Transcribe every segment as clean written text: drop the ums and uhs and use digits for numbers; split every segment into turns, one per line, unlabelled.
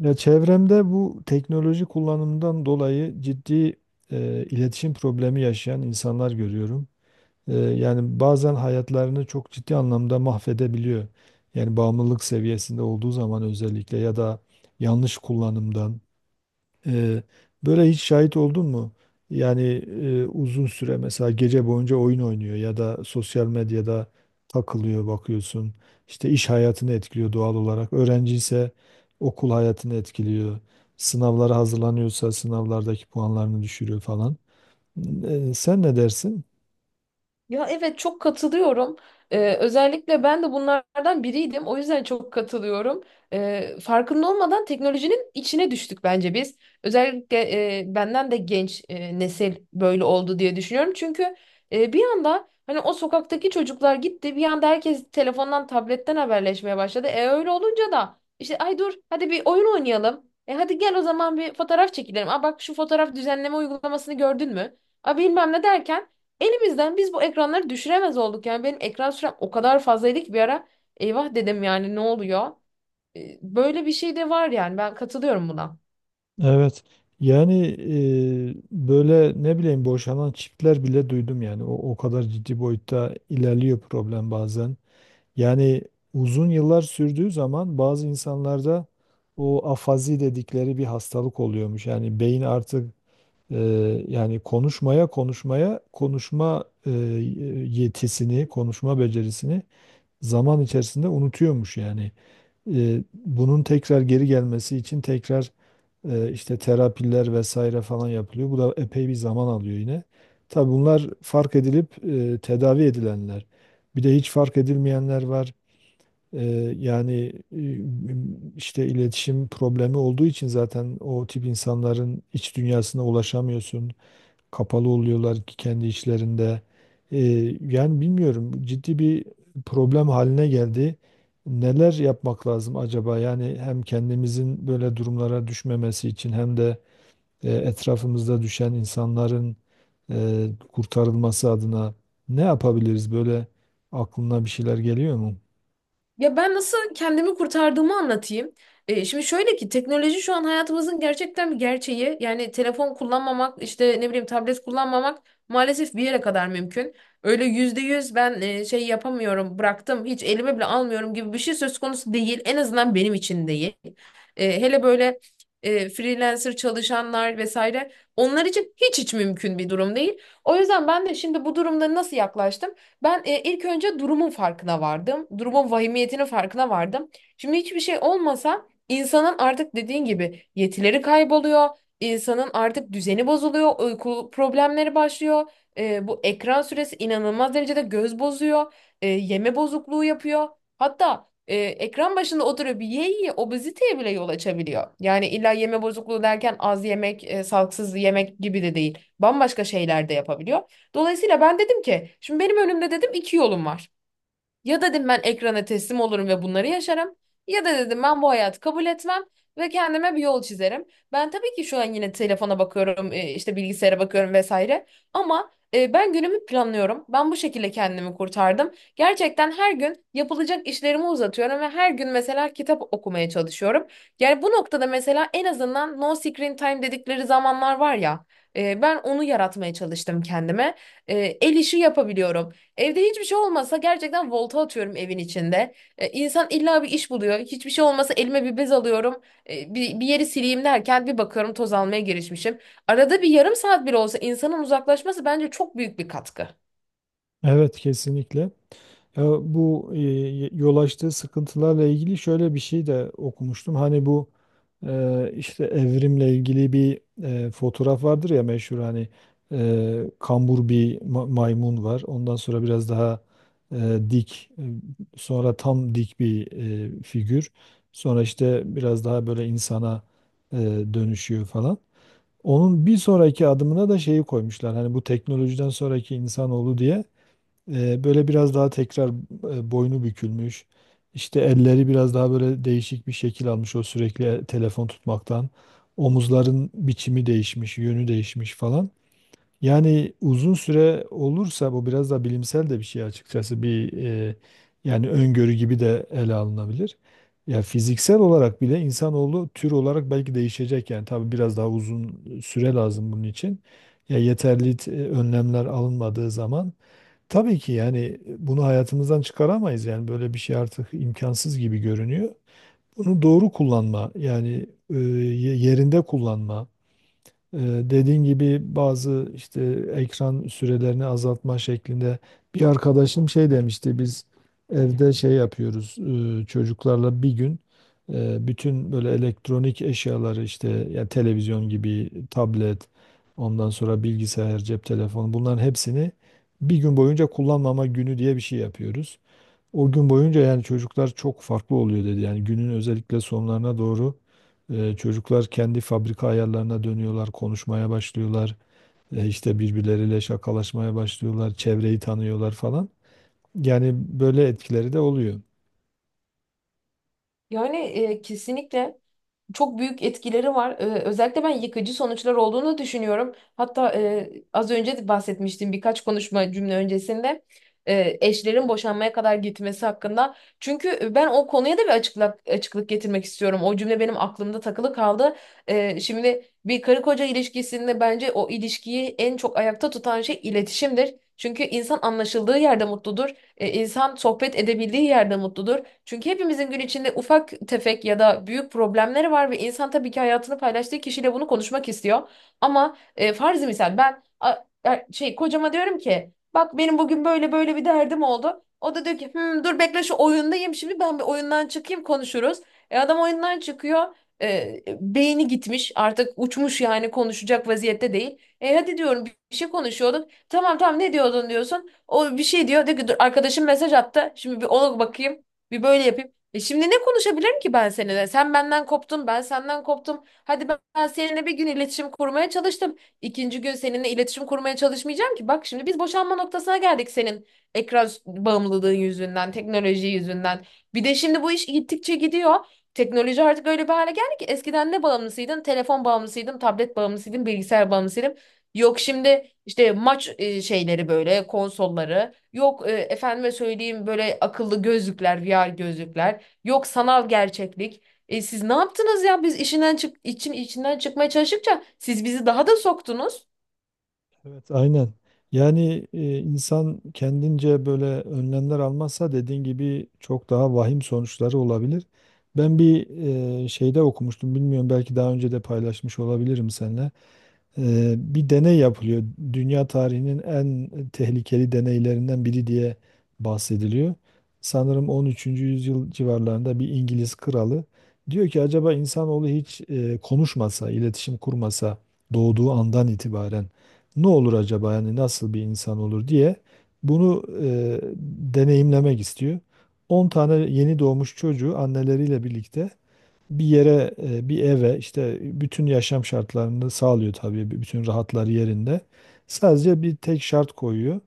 Ya çevremde bu teknoloji kullanımından dolayı ciddi iletişim problemi yaşayan insanlar görüyorum. Yani bazen hayatlarını çok ciddi anlamda mahvedebiliyor. Yani bağımlılık seviyesinde olduğu zaman özellikle ya da yanlış kullanımdan. Ee, böyle hiç şahit oldun mu? Yani uzun süre mesela gece boyunca oyun oynuyor ya da sosyal medyada takılıyor bakıyorsun. İşte iş hayatını etkiliyor doğal olarak. Öğrenci ise okul hayatını etkiliyor. Sınavlara hazırlanıyorsa sınavlardaki puanlarını düşürüyor falan. Sen ne dersin?
Ya, evet, çok katılıyorum. Özellikle ben de bunlardan biriydim. O yüzden çok katılıyorum. Farkında olmadan teknolojinin içine düştük bence biz. Özellikle benden de genç nesil böyle oldu diye düşünüyorum. Çünkü bir anda hani o sokaktaki çocuklar gitti. Bir anda herkes telefondan, tabletten haberleşmeye başladı. E öyle olunca da işte ay dur hadi bir oyun oynayalım. E hadi gel o zaman bir fotoğraf çekilelim. Aa bak şu fotoğraf düzenleme uygulamasını gördün mü? Aa bilmem ne derken. Elimizden biz bu ekranları düşüremez olduk. Yani benim ekran sürem o kadar fazlaydı ki bir ara eyvah dedim, yani ne oluyor? Böyle bir şey de var, yani ben katılıyorum buna.
Evet. Yani böyle ne bileyim boşanan çiftler bile duydum yani. O kadar ciddi boyutta ilerliyor problem bazen. Yani uzun yıllar sürdüğü zaman bazı insanlarda o afazi dedikleri bir hastalık oluyormuş. Yani beyin artık e, yani konuşmaya konuşmaya konuşma yetisini, konuşma becerisini zaman içerisinde unutuyormuş yani. Bunun tekrar geri gelmesi için tekrar işte terapiler vesaire falan yapılıyor. Bu da epey bir zaman alıyor yine. Tabii bunlar fark edilip tedavi edilenler. Bir de hiç fark edilmeyenler var. Yani işte iletişim problemi olduğu için zaten o tip insanların iç dünyasına ulaşamıyorsun. Kapalı oluyorlar ki kendi içlerinde. Ee, yani bilmiyorum ciddi bir problem haline geldi. Neler yapmak lazım acaba? Yani hem kendimizin böyle durumlara düşmemesi için hem de etrafımızda düşen insanların kurtarılması adına ne yapabiliriz? Böyle aklına bir şeyler geliyor mu?
Ya ben nasıl kendimi kurtardığımı anlatayım. Şimdi şöyle ki teknoloji şu an hayatımızın gerçekten bir gerçeği. Yani telefon kullanmamak, işte ne bileyim tablet kullanmamak maalesef bir yere kadar mümkün. Öyle yüzde yüz ben şey yapamıyorum, bıraktım, hiç elime bile almıyorum gibi bir şey söz konusu değil. En azından benim için değil. Hele böyle freelancer çalışanlar vesaire onlar için hiç mümkün bir durum değil. O yüzden ben de şimdi bu durumda nasıl yaklaştım? Ben ilk önce durumun farkına vardım. Durumun vahimiyetinin farkına vardım. Şimdi hiçbir şey olmasa insanın artık dediğin gibi yetileri kayboluyor. İnsanın artık düzeni bozuluyor. Uyku problemleri başlıyor. Bu ekran süresi inanılmaz derecede göz bozuyor. Yeme bozukluğu yapıyor. Hatta ekran başında oturuyor bir ye obeziteye bile yol açabiliyor. Yani illa yeme bozukluğu derken az yemek, sağlıksız yemek gibi de değil. Bambaşka şeyler de yapabiliyor. Dolayısıyla ben dedim ki şimdi benim önümde dedim iki yolum var. Ya dedim ben ekrana teslim olurum ve bunları yaşarım. Ya da dedim ben bu hayatı kabul etmem ve kendime bir yol çizerim. Ben tabii ki şu an yine telefona bakıyorum, işte bilgisayara bakıyorum vesaire. Ama ben günümü planlıyorum. Ben bu şekilde kendimi kurtardım. Gerçekten her gün yapılacak işlerimi uzatıyorum ve her gün mesela kitap okumaya çalışıyorum. Yani bu noktada mesela en azından no screen time dedikleri zamanlar var ya. Ben onu yaratmaya çalıştım kendime. E, El işi yapabiliyorum. Evde hiçbir şey olmasa gerçekten volta atıyorum evin içinde. İnsan illa bir iş buluyor. Hiçbir şey olmasa elime bir bez alıyorum. Bir yeri sileyim derken bir bakıyorum toz almaya girişmişim. Arada bir yarım saat bile olsa insanın uzaklaşması bence çok büyük bir katkı.
Evet, kesinlikle. Ya bu yol açtığı sıkıntılarla ilgili şöyle bir şey de okumuştum. Hani bu işte evrimle ilgili bir fotoğraf vardır ya meşhur hani kambur bir maymun var. Ondan sonra biraz daha dik, sonra tam dik bir figür. Sonra işte biraz daha böyle insana e, dönüşüyor falan. Onun bir sonraki adımına da şeyi koymuşlar. Hani bu teknolojiden sonraki insanoğlu diye böyle biraz daha tekrar boynu bükülmüş. İşte elleri biraz daha böyle değişik bir şekil almış o sürekli telefon tutmaktan. Omuzların biçimi değişmiş, yönü değişmiş falan. Yani uzun süre olursa bu biraz da bilimsel de bir şey açıkçası, bir yani öngörü gibi de ele alınabilir. Ya fiziksel olarak bile insanoğlu tür olarak belki değişecek yani, tabii biraz daha uzun süre lazım bunun için. Ya yeterli önlemler alınmadığı zaman tabii ki, yani bunu hayatımızdan çıkaramayız yani, böyle bir şey artık imkansız gibi görünüyor. Bunu doğru kullanma, yani yerinde kullanma. Ee, Dediğin gibi bazı işte ekran sürelerini azaltma şeklinde bir arkadaşım şey demişti, biz evde şey yapıyoruz, çocuklarla bir gün bütün böyle elektronik eşyaları, işte ya televizyon gibi tablet, ondan sonra bilgisayar, cep telefonu, bunların hepsini bir gün boyunca kullanmama günü diye bir şey yapıyoruz. O gün boyunca yani çocuklar çok farklı oluyor dedi. Yani günün özellikle sonlarına doğru çocuklar kendi fabrika ayarlarına dönüyorlar, konuşmaya başlıyorlar. E, işte birbirleriyle şakalaşmaya başlıyorlar, çevreyi tanıyorlar falan. Yani böyle etkileri de oluyor.
Yani, kesinlikle. Çok büyük etkileri var. Özellikle ben yıkıcı sonuçlar olduğunu düşünüyorum. Hatta az önce de bahsetmiştim birkaç konuşma cümle öncesinde eşlerin boşanmaya kadar gitmesi hakkında. Çünkü ben o konuya da bir açıklık getirmek istiyorum. O cümle benim aklımda takılı kaldı. Şimdi bir karı koca ilişkisinde bence o ilişkiyi en çok ayakta tutan şey iletişimdir. Çünkü insan anlaşıldığı yerde mutludur. İnsan sohbet edebildiği yerde mutludur. Çünkü hepimizin gün içinde ufak tefek ya da büyük problemleri var ve insan tabii ki hayatını paylaştığı kişiyle bunu konuşmak istiyor. Ama e, farzı misal ben a- a- şey, kocama diyorum ki bak benim bugün böyle böyle bir derdim oldu. O da diyor ki: "Hmm, dur bekle, şu oyundayım, şimdi ben bir oyundan çıkayım, konuşuruz." Adam oyundan çıkıyor. E, Beyni gitmiş, artık uçmuş, yani konuşacak vaziyette değil. E hadi diyorum, bir şey konuşuyorduk. Tamam tamam, ne diyordun diyorsun. O bir şey diyor. Diyor ki dur, arkadaşım mesaj attı. Şimdi bir ona bakayım. Bir böyle yapayım. E şimdi ne konuşabilirim ki ben seninle? Sen benden koptun, ben senden koptum. Hadi ben seninle bir gün iletişim kurmaya çalıştım. İkinci gün seninle iletişim kurmaya çalışmayacağım ki. Bak şimdi biz boşanma noktasına geldik senin bağımlılığın yüzünden, teknoloji yüzünden. Bir de şimdi bu iş gittikçe gidiyor. Teknoloji artık öyle bir hale geldi ki eskiden ne bağımlısıydın? Telefon bağımlısıydın, tablet bağımlısıydın, bilgisayar bağımlısıydın. Yok şimdi işte maç şeyleri, böyle konsolları. Yok, efendime söyleyeyim, böyle akıllı gözlükler, VR gözlükler. Yok sanal gerçeklik. Siz ne yaptınız ya? Biz işinden çık için içinden çıkmaya çalıştıkça siz bizi daha da soktunuz.
Evet, aynen. Yani insan kendince böyle önlemler almazsa dediğin gibi çok daha vahim sonuçları olabilir. Ben bir şeyde okumuştum, bilmiyorum, belki daha önce de paylaşmış olabilirim seninle. Bir deney yapılıyor. Dünya tarihinin en tehlikeli deneylerinden biri diye bahsediliyor. Sanırım 13. yüzyıl civarlarında bir İngiliz kralı diyor ki acaba insanoğlu hiç konuşmasa, iletişim kurmasa, doğduğu andan itibaren ne olur acaba, yani nasıl bir insan olur diye bunu deneyimlemek istiyor. 10 tane yeni doğmuş çocuğu anneleriyle birlikte bir yere, bir eve, işte bütün yaşam şartlarını sağlıyor tabii, bütün rahatları yerinde. Sadece bir tek şart koyuyor.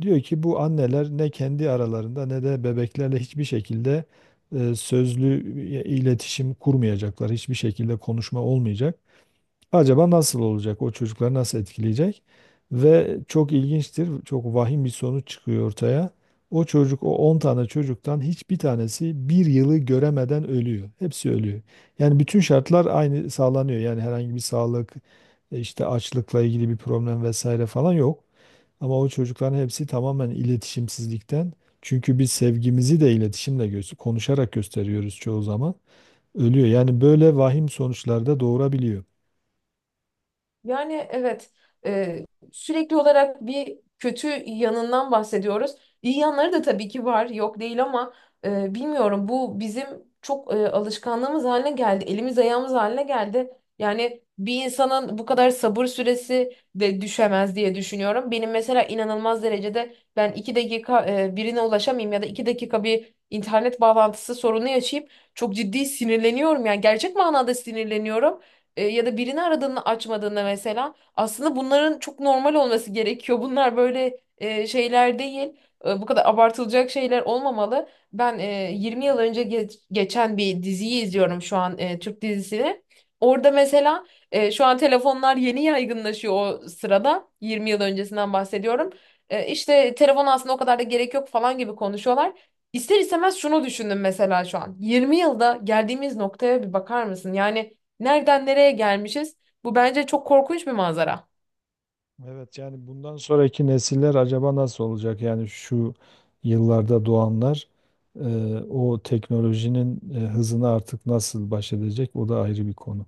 Diyor ki bu anneler ne kendi aralarında ne de bebeklerle hiçbir şekilde sözlü iletişim kurmayacaklar. Hiçbir şekilde konuşma olmayacak. Acaba nasıl olacak? O çocukları nasıl etkileyecek? Ve çok ilginçtir. Çok vahim bir sonuç çıkıyor ortaya. O çocuk, o 10 tane çocuktan hiçbir tanesi bir yılı göremeden ölüyor. Hepsi ölüyor. Yani bütün şartlar aynı sağlanıyor. Yani herhangi bir sağlık, işte açlıkla ilgili bir problem vesaire falan yok. Ama o çocukların hepsi tamamen iletişimsizlikten. Çünkü biz sevgimizi de iletişimle göster konuşarak gösteriyoruz çoğu zaman. Ölüyor. Yani böyle vahim sonuçlar da doğurabiliyor.
Yani evet, e, sürekli olarak bir kötü yanından bahsediyoruz. İyi yanları da tabii ki var, yok değil, ama bilmiyorum, bu bizim çok alışkanlığımız haline geldi, elimiz ayağımız haline geldi. Yani bir insanın bu kadar sabır süresi de düşemez diye düşünüyorum. Benim mesela inanılmaz derecede, ben iki dakika birine ulaşamayayım ya da iki dakika bir internet bağlantısı sorunu yaşayıp çok ciddi sinirleniyorum. Yani gerçek manada sinirleniyorum. Ya da birini aradığını açmadığında mesela aslında bunların çok normal olması gerekiyor. Bunlar böyle şeyler değil. Bu kadar abartılacak şeyler olmamalı. Ben 20 yıl önce geçen bir diziyi izliyorum şu an, Türk dizisini. Orada mesela şu an telefonlar yeni yaygınlaşıyor o sırada. 20 yıl öncesinden bahsediyorum. İşte telefon aslında o kadar da gerek yok falan gibi konuşuyorlar. İster istemez şunu düşündüm mesela şu an. 20 yılda geldiğimiz noktaya bir bakar mısın? Yani nereden nereye gelmişiz? Bu bence çok korkunç bir manzara.
Evet, yani bundan sonraki nesiller acaba nasıl olacak? Yani şu yıllarda doğanlar e, o teknolojinin hızını artık nasıl baş edecek? O da ayrı bir konu.